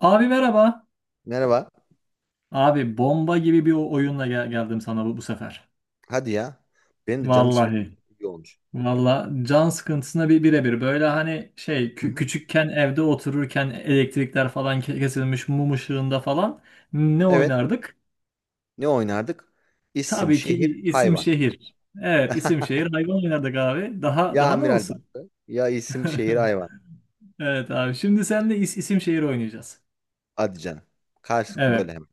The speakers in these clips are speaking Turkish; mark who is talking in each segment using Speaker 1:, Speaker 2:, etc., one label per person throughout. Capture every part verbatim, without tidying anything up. Speaker 1: Abi merhaba.
Speaker 2: Merhaba.
Speaker 1: Abi bomba gibi bir o- oyunla gel- geldim sana bu, bu sefer.
Speaker 2: Hadi ya. Benim de canım sıkıldı.
Speaker 1: Vallahi.
Speaker 2: İyi olmuş.
Speaker 1: Vallahi can sıkıntısına bir birebir. Böyle hani şey
Speaker 2: Hı
Speaker 1: kü-
Speaker 2: hı.
Speaker 1: küçükken evde otururken elektrikler falan ke- kesilmiş mum ışığında falan ne
Speaker 2: Evet.
Speaker 1: oynardık?
Speaker 2: Ne oynardık? İsim,
Speaker 1: Tabii ki
Speaker 2: şehir,
Speaker 1: i- isim
Speaker 2: hayvan.
Speaker 1: şehir. Evet isim şehir hayvan oynardık abi. Daha
Speaker 2: Ya
Speaker 1: daha ne
Speaker 2: amiral
Speaker 1: olsun?
Speaker 2: battı. Ya isim, şehir, hayvan.
Speaker 1: Evet abi şimdi seninle is- isim şehir oynayacağız.
Speaker 2: Hadi canım. Karşılıklı böyle
Speaker 1: Evet.
Speaker 2: hemen.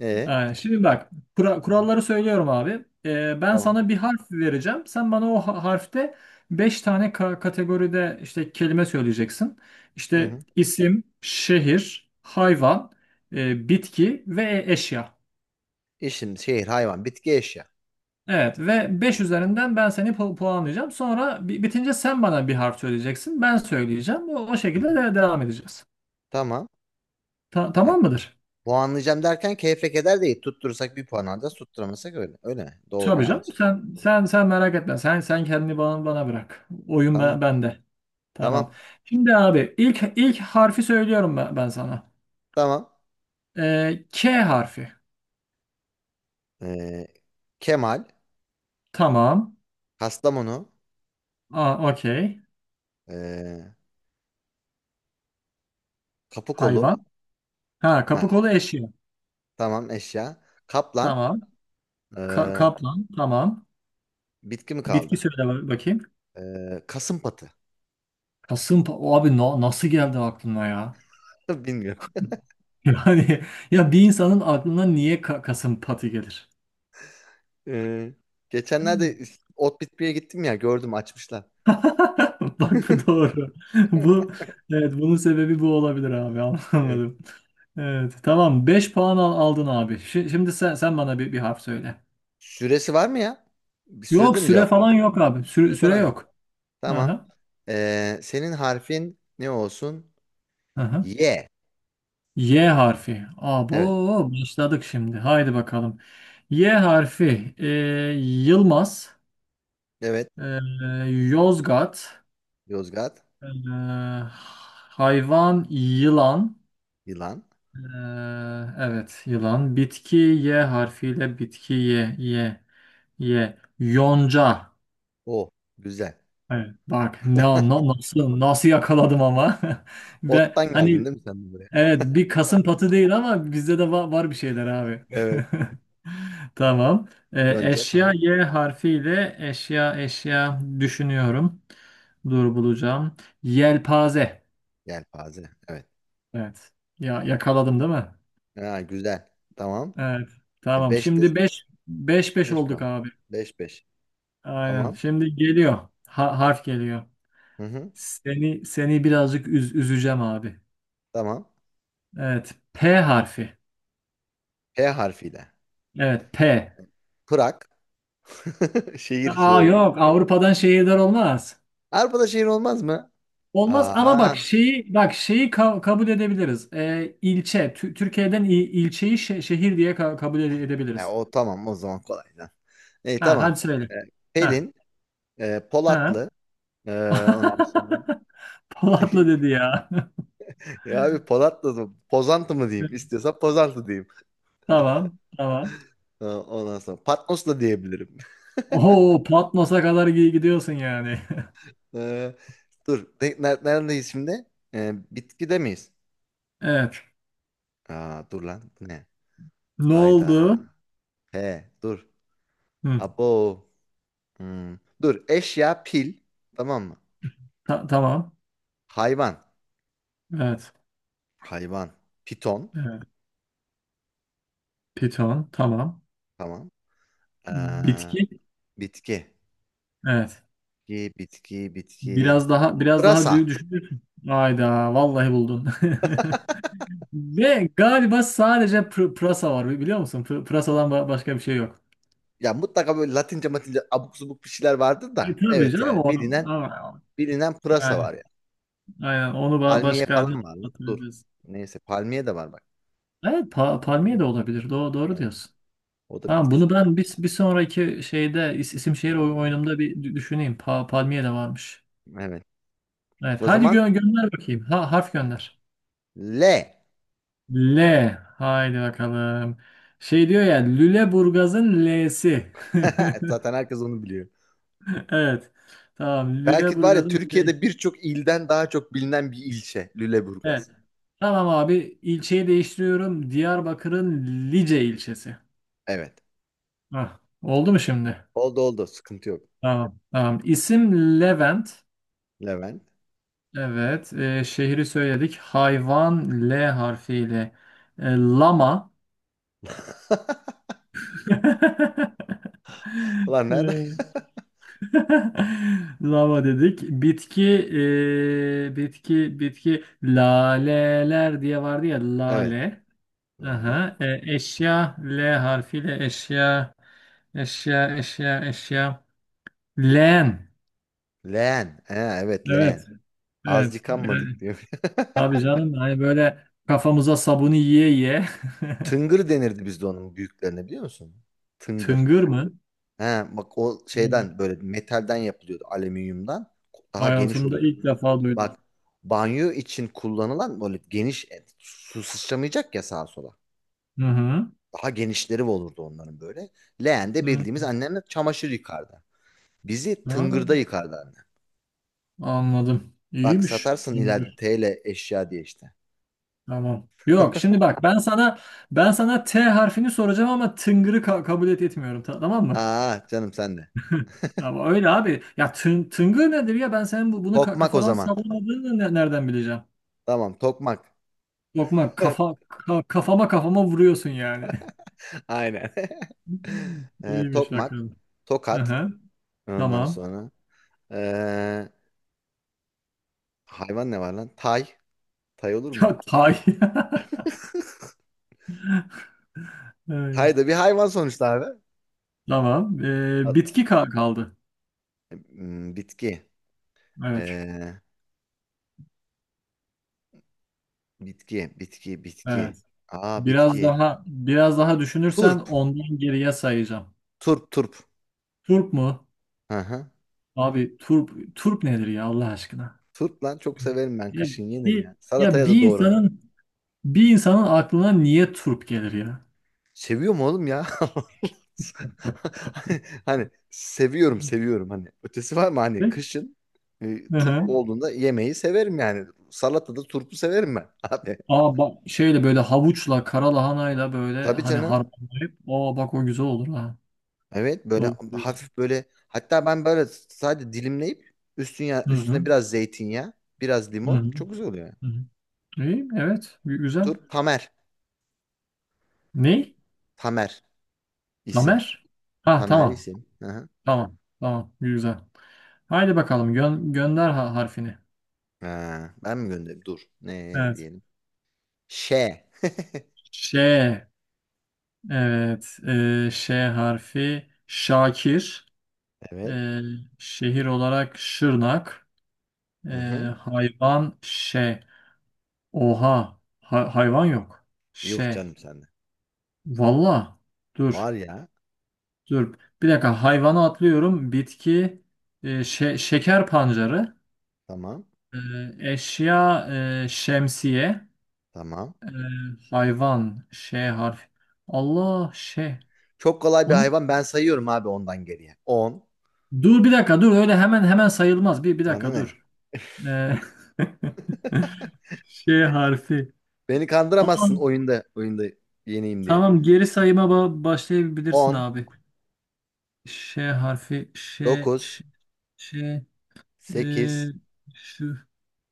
Speaker 2: E,
Speaker 1: Aynen. Şimdi bak kura-
Speaker 2: Hı hı.
Speaker 1: kuralları söylüyorum abi. Ee, ben
Speaker 2: Tamam.
Speaker 1: sana bir harf vereceğim. Sen bana o ha- harfte beş tane ka- kategoride işte kelime söyleyeceksin.
Speaker 2: Hı
Speaker 1: İşte
Speaker 2: hı.
Speaker 1: isim, şehir, hayvan, e, bitki ve e- eşya.
Speaker 2: İsim, şehir, hayvan, bitki, eşya.
Speaker 1: Evet ve beş
Speaker 2: İsim, şehir.
Speaker 1: üzerinden ben seni pu- puanlayacağım. Sonra bi- bitince sen bana bir harf söyleyeceksin. Ben söyleyeceğim. O, o
Speaker 2: Hı hı.
Speaker 1: şekilde de devam edeceğiz.
Speaker 2: Tamam.
Speaker 1: Ta-
Speaker 2: Ha,
Speaker 1: tamam mıdır?
Speaker 2: puanlayacağım derken keyfe keder değil. Tutturursak bir puan alacağız. Tutturamasak öyle. Öyle mi? Doğru,
Speaker 1: Tabii canım.
Speaker 2: yanlış.
Speaker 1: Sen
Speaker 2: Hı.
Speaker 1: sen sen merak etme. Sen sen kendini bana bana bırak. Oyun
Speaker 2: Tamam.
Speaker 1: ben, bende. Tamam.
Speaker 2: Tamam.
Speaker 1: Şimdi abi ilk ilk harfi söylüyorum ben, ben sana.
Speaker 2: Tamam.
Speaker 1: Ee, K harfi.
Speaker 2: Ee, Kemal,
Speaker 1: Tamam.
Speaker 2: Kastamonu,
Speaker 1: Aa, okey.
Speaker 2: ee, kapı kolu.
Speaker 1: Hayvan. Ha,
Speaker 2: Ha,
Speaker 1: kapı kolu eşya.
Speaker 2: tamam eşya. Kaplan.
Speaker 1: Tamam. Ka-
Speaker 2: Ee,
Speaker 1: kaplan. Tamam.
Speaker 2: Bitki mi
Speaker 1: Bitki
Speaker 2: kaldı?
Speaker 1: söyle bak- bakayım.
Speaker 2: Ee, kasım patı.
Speaker 1: Kasım o abi na- nasıl geldi aklına ya?
Speaker 2: Bilmiyorum.
Speaker 1: Yani ya bir insanın aklına niye ka- kasım patı gelir?
Speaker 2: Ee, Geçenlerde ot bitmeye gittim ya gördüm açmışlar.
Speaker 1: Bak bu doğru. Bu evet bunun sebebi bu olabilir abi
Speaker 2: Ee,
Speaker 1: anlamadım. Evet tamam beş puan al- aldın abi. Şi- Şimdi sen sen bana bir, bir harf söyle.
Speaker 2: Süresi var mı ya? Bir sürede
Speaker 1: Yok
Speaker 2: mi
Speaker 1: süre
Speaker 2: cevap
Speaker 1: falan
Speaker 2: vermem?
Speaker 1: yok abi. Süre,
Speaker 2: Süre
Speaker 1: süre
Speaker 2: falan yok.
Speaker 1: yok.
Speaker 2: Tamam.
Speaker 1: Aha,
Speaker 2: Ee, senin harfin ne olsun?
Speaker 1: aha.
Speaker 2: Y.
Speaker 1: Y harfi.
Speaker 2: Evet.
Speaker 1: Abo başladık şimdi. Haydi bakalım. Y harfi. e, Yılmaz.
Speaker 2: Evet.
Speaker 1: e, Yozgat.
Speaker 2: Yozgat.
Speaker 1: e, hayvan yılan.
Speaker 2: Yılan.
Speaker 1: Ee, evet yılan. Bitki Y harfiyle bitki Y Y Y. Yonca.
Speaker 2: O. Güzel.
Speaker 1: Evet, bak ne na- nasıl nasıl yakaladım ama. Ve
Speaker 2: Ottan geldin
Speaker 1: hani
Speaker 2: değil mi sen de buraya?
Speaker 1: evet bir kasım patı değil ama bizde de va- var bir şeyler abi.
Speaker 2: Evet.
Speaker 1: Tamam. Ee,
Speaker 2: Yonca
Speaker 1: eşya
Speaker 2: tamam.
Speaker 1: Y harfiyle eşya eşya düşünüyorum. Dur bulacağım. Yelpaze.
Speaker 2: Yelpaze. Evet.
Speaker 1: Evet. Ya yakaladım değil mi?
Speaker 2: Ha, güzel. Tamam.
Speaker 1: Evet.
Speaker 2: E
Speaker 1: Tamam.
Speaker 2: beşte
Speaker 1: Şimdi beş beş beş
Speaker 2: beş
Speaker 1: olduk
Speaker 2: puan.
Speaker 1: abi.
Speaker 2: beş beş.
Speaker 1: Aynen.
Speaker 2: Tamam.
Speaker 1: Şimdi geliyor. Ha- harf geliyor.
Speaker 2: Hı hı.
Speaker 1: Seni seni birazcık üz- üzeceğim abi.
Speaker 2: Tamam.
Speaker 1: Evet. P harfi.
Speaker 2: P harfiyle.
Speaker 1: Evet P.
Speaker 2: Prag. Şehir
Speaker 1: Aa
Speaker 2: söyledim.
Speaker 1: yok, Avrupa'dan şehirler olmaz.
Speaker 2: Avrupa'da şehir olmaz mı?
Speaker 1: Olmaz ama
Speaker 2: Aa.
Speaker 1: bak şeyi bak şeyi ka- kabul edebiliriz. Ee, ilçe Tü- Türkiye'den il- ilçeyi şe- şehir diye ka- kabul ede-
Speaker 2: E,
Speaker 1: edebiliriz.
Speaker 2: o tamam o zaman kolay lan. E,
Speaker 1: Ha
Speaker 2: tamam.
Speaker 1: hadi söyle.
Speaker 2: E,
Speaker 1: Ha
Speaker 2: Pelin, e,
Speaker 1: ha.
Speaker 2: Polatlı. E, Ondan sonra
Speaker 1: Polatlı dedi ya.
Speaker 2: ya abi Polatlı mı? Pozantı mı diyeyim? İstiyorsan Pozantı diyeyim.
Speaker 1: Tamam, tamam.
Speaker 2: E, ondan sonra Patmos da diyebilirim.
Speaker 1: Oo, Patmos'a kadar gi- gidiyorsun yani.
Speaker 2: E, Dur. Ne, ne- neredeyiz şimdi? E, bitkide miyiz?
Speaker 1: Evet.
Speaker 2: Aa, dur lan. Bu ne?
Speaker 1: Ne
Speaker 2: Hayda.
Speaker 1: oldu?
Speaker 2: He dur.
Speaker 1: Hı,
Speaker 2: Abo. Hmm. Dur eşya pil. Tamam mı?
Speaker 1: ta- tamam.
Speaker 2: Hayvan.
Speaker 1: Evet.
Speaker 2: Hayvan. Piton.
Speaker 1: Evet. Piton. Tamam.
Speaker 2: Tamam. Ee,
Speaker 1: Bitki.
Speaker 2: Bitki.
Speaker 1: Evet.
Speaker 2: Bitki, bitki, bitki.
Speaker 1: Biraz daha biraz daha dü-
Speaker 2: Pırasa.
Speaker 1: düşünürsün. Hayda. Vallahi buldun. Ve galiba sadece pr- pırasa var. Biliyor musun? Pr- pırasadan ba- başka bir şey yok.
Speaker 2: Ya mutlaka böyle Latince matince abuk subuk bir şeyler vardır
Speaker 1: E,
Speaker 2: da.
Speaker 1: tabii
Speaker 2: Evet
Speaker 1: canım
Speaker 2: yani
Speaker 1: onu
Speaker 2: bilinen
Speaker 1: ama
Speaker 2: bilinen pırasa
Speaker 1: yani
Speaker 2: var ya.
Speaker 1: aynen onu ba-
Speaker 2: Palmiye
Speaker 1: başka ne
Speaker 2: falan var lan. Dur.
Speaker 1: hatırlayacağız?
Speaker 2: Neyse palmiye de var bak.
Speaker 1: Evet pa-
Speaker 2: Bir şey
Speaker 1: palmiye de
Speaker 2: geliyor.
Speaker 1: olabilir. Do- doğru
Speaker 2: Evet.
Speaker 1: diyorsun.
Speaker 2: O da
Speaker 1: Tamam,
Speaker 2: bitki
Speaker 1: bunu
Speaker 2: sonuçta.
Speaker 1: ben bir, bir sonraki şeyde is- isim şehir oy-
Speaker 2: Ha,
Speaker 1: oyunumda bir dü- düşüneyim. Pa palmiye de varmış.
Speaker 2: evet.
Speaker 1: Evet,
Speaker 2: O
Speaker 1: hadi
Speaker 2: zaman
Speaker 1: gö- gönder bakayım. Ha, harf gönder.
Speaker 2: L.
Speaker 1: L. Haydi bakalım. Şey diyor ya, Lüleburgaz'ın L'si.
Speaker 2: Zaten herkes onu biliyor.
Speaker 1: Evet. Tamam.
Speaker 2: Belki var ya
Speaker 1: Lüleburgaz'ın L'si.
Speaker 2: Türkiye'de birçok ilden daha çok bilinen bir ilçe
Speaker 1: Evet.
Speaker 2: Lüleburgaz.
Speaker 1: Tamam abi. İlçeyi değiştiriyorum. Diyarbakır'ın Lice ilçesi.
Speaker 2: Evet.
Speaker 1: Hah. Oldu mu şimdi?
Speaker 2: Oldu oldu. Sıkıntı yok.
Speaker 1: Tamam. Tamam. İsim Levent.
Speaker 2: Levent.
Speaker 1: Evet. Ee, şehri söyledik. Hayvan L harfiyle. Ee, lama.
Speaker 2: Ulan nerede?
Speaker 1: E, Lava dedik. Bitki, e, bitki, bitki. Laleler diye vardı ya,
Speaker 2: Evet.
Speaker 1: lale.
Speaker 2: Lale.
Speaker 1: Aha. E, eşya L harfiyle eşya, eşya, eşya, eşya. Leğen.
Speaker 2: Leğen. He, evet
Speaker 1: Evet,
Speaker 2: leğen. Az
Speaker 1: evet. Yani,
Speaker 2: yıkanmadık diyor.
Speaker 1: tabii canım. Hani böyle kafamıza sabunu yiye yiye.
Speaker 2: Tıngır denirdi bizde onun büyüklerine biliyor musun? Tıngır.
Speaker 1: Tıngır mı?
Speaker 2: He, bak o
Speaker 1: Abi,
Speaker 2: şeyden böyle metalden yapılıyordu. Alüminyumdan. Daha geniş
Speaker 1: hayatımda
Speaker 2: oluyordu.
Speaker 1: ilk defa duydum.
Speaker 2: Bak banyo için kullanılan böyle geniş su sıçramayacak ya sağa sola.
Speaker 1: Hı hı.
Speaker 2: Daha genişleri olurdu onların böyle. Leğende
Speaker 1: Hı.
Speaker 2: bildiğimiz annemle çamaşır yıkardı. Bizi
Speaker 1: Ha,
Speaker 2: tıngırda yıkardı anne.
Speaker 1: anladım.
Speaker 2: Bak
Speaker 1: İyiymiş.
Speaker 2: satarsın ileride T L eşya diye işte.
Speaker 1: Tamam. Yok, şimdi bak, ben sana ben sana T harfini soracağım ama tıngırı ka- kabul et etmiyorum, ta- tamam mı?
Speaker 2: Aa canım sen de.
Speaker 1: Ama öyle abi. Ya tın tıngır nedir ya? Ben senin bu bunu ka-
Speaker 2: Tokmak o
Speaker 1: kafadan
Speaker 2: zaman.
Speaker 1: sallamadığını ne- nereden bileceğim?
Speaker 2: Tamam tokmak.
Speaker 1: Lokma kafa, ka- kafama kafama vuruyorsun yani.
Speaker 2: Aynen. Ee,
Speaker 1: İyiymiş
Speaker 2: tokmak.
Speaker 1: bakalım.
Speaker 2: Tokat.
Speaker 1: Aha,
Speaker 2: Ondan
Speaker 1: tamam.
Speaker 2: sonra. ee, Hayvan ne var lan? Tay. Tay olur
Speaker 1: Ya
Speaker 2: mu?
Speaker 1: tay. Evet.
Speaker 2: Tay da bir hayvan sonuçta abi.
Speaker 1: Tamam. Ee,
Speaker 2: A-
Speaker 1: bitki ka- kaldı.
Speaker 2: Hmm, bitki.
Speaker 1: Evet.
Speaker 2: Ee, Bitki. Bitki. Bitki.
Speaker 1: Evet.
Speaker 2: Aa
Speaker 1: Biraz
Speaker 2: bitki.
Speaker 1: daha biraz daha düşünürsen
Speaker 2: Turp.
Speaker 1: ondan geriye sayacağım.
Speaker 2: Turp turp.
Speaker 1: Turp mu?
Speaker 2: Hı hı.
Speaker 1: Abi, turp turp nedir ya, Allah aşkına?
Speaker 2: Turp lan çok severim ben.
Speaker 1: Ya
Speaker 2: Kışın yenir
Speaker 1: bir
Speaker 2: yani.
Speaker 1: ya
Speaker 2: Salataya da
Speaker 1: bir
Speaker 2: doğranır.
Speaker 1: insanın bir insanın aklına niye turp gelir ya?
Speaker 2: Seviyorum oğlum ya. Hani seviyorum seviyorum hani. Ötesi var mı hani
Speaker 1: Peki.
Speaker 2: kışın e,
Speaker 1: Hı
Speaker 2: turp
Speaker 1: hı.
Speaker 2: olduğunda yemeği severim yani. Salatada turpu severim ben abi.
Speaker 1: Aa bak, şeyle böyle, havuçla kara lahanayla böyle
Speaker 2: Tabii
Speaker 1: hani
Speaker 2: canım.
Speaker 1: harmanlayıp, o bak o güzel olur ha.
Speaker 2: Evet böyle
Speaker 1: Doğru diyorsun.
Speaker 2: hafif böyle hatta ben böyle sadece dilimleyip üstüne
Speaker 1: Hı hı.
Speaker 2: üstüne biraz zeytinyağı, biraz
Speaker 1: Hı
Speaker 2: limon
Speaker 1: hı.
Speaker 2: çok güzel oluyor, yani.
Speaker 1: Hı hı. İyi, evet, gü- güzel.
Speaker 2: Turp Tamer.
Speaker 1: Ne?
Speaker 2: Tamer isim.
Speaker 1: Lamer? Ha
Speaker 2: Tamer
Speaker 1: tamam.
Speaker 2: isim. Hı hı.
Speaker 1: Tamam. Tamam. Güzel. Haydi bakalım, gö gönder ha harfini.
Speaker 2: Ha, ben mi göndereyim? Dur. Ne
Speaker 1: Evet.
Speaker 2: diyelim? Ş.
Speaker 1: Ş. Evet. E, Ş harfi Şakir.
Speaker 2: Evet.
Speaker 1: E, şehir olarak Şırnak. E,
Speaker 2: Hı hı.
Speaker 1: hayvan Ş. Oha. Ha- hayvan yok.
Speaker 2: Yuh
Speaker 1: Ş.
Speaker 2: canım sende.
Speaker 1: Valla. Dur.
Speaker 2: Var ya.
Speaker 1: Dur. Bir dakika. Hayvanı atlıyorum. Bitki, e, şe- şeker pancarı.
Speaker 2: Tamam.
Speaker 1: E, eşya, e, şemsiye.
Speaker 2: Tamam.
Speaker 1: E, hayvan Ş harfi. Allah Ş.
Speaker 2: Çok kolay bir
Speaker 1: O ne?
Speaker 2: hayvan. Ben sayıyorum abi ondan geriye. On.
Speaker 1: Dur bir dakika, dur öyle hemen hemen sayılmaz. Bir, bir
Speaker 2: Bana
Speaker 1: dakika
Speaker 2: ne?
Speaker 1: dur. Ee, Ş harfi.
Speaker 2: Beni
Speaker 1: Aa,
Speaker 2: kandıramazsın oyunda. Oyunda yeneyim diye.
Speaker 1: tamam, geri sayıma ba- başlayabilirsin
Speaker 2: On.
Speaker 1: abi. Ş harfi. Ş.
Speaker 2: Dokuz.
Speaker 1: Ş. Ş. E,
Speaker 2: Sekiz.
Speaker 1: şu.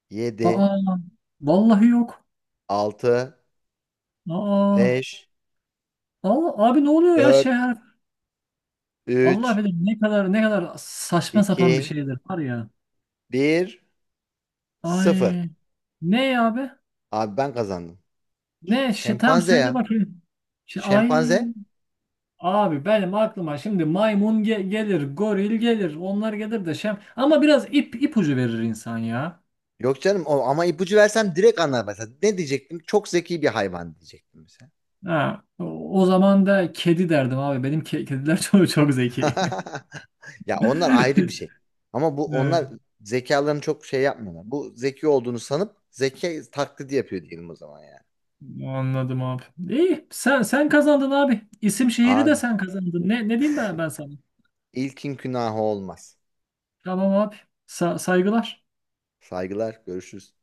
Speaker 2: Yedi.
Speaker 1: Aa. Vallahi yok.
Speaker 2: Altı.
Speaker 1: Aa.
Speaker 2: Beş.
Speaker 1: Allah, abi ne oluyor ya, Ş
Speaker 2: Dört.
Speaker 1: harfi? Allah
Speaker 2: Üç.
Speaker 1: bilir ne kadar ne kadar saçma
Speaker 2: iki,
Speaker 1: sapan bir şeydir var ya.
Speaker 2: Bir. Sıfır.
Speaker 1: Ay. Ne abi?
Speaker 2: Abi ben kazandım. Ş-
Speaker 1: Ne? Şey, tamam,
Speaker 2: Şempanze
Speaker 1: söyle
Speaker 2: ya.
Speaker 1: bakayım. Şey, ay.
Speaker 2: Şempanze.
Speaker 1: Abi benim aklıma şimdi maymun ge- gelir, goril gelir, onlar gelir de şem. Ama biraz ip ipucu verir insan ya.
Speaker 2: Yok canım o, ama ipucu versem direkt anlar mesela. Ne diyecektim? Çok zeki bir hayvan diyecektim mesela.
Speaker 1: Ha, o, o zaman da kedi derdim abi. Benim ke- kediler çok çok zeki.
Speaker 2: Ya onlar ayrı bir şey. Ama bu
Speaker 1: Evet,
Speaker 2: onlar zekalarını çok şey yapmıyorlar. Bu zeki olduğunu sanıp zeki taklidi yapıyor diyelim o zaman yani.
Speaker 1: anladım abi. İyi, sen sen kazandın abi. İsim şehri de
Speaker 2: Abi
Speaker 1: sen kazandın. Ne ne diyeyim ben ben sana?
Speaker 2: ilkin günahı olmaz.
Speaker 1: Tamam abi. Sa- saygılar.
Speaker 2: Saygılar, görüşürüz.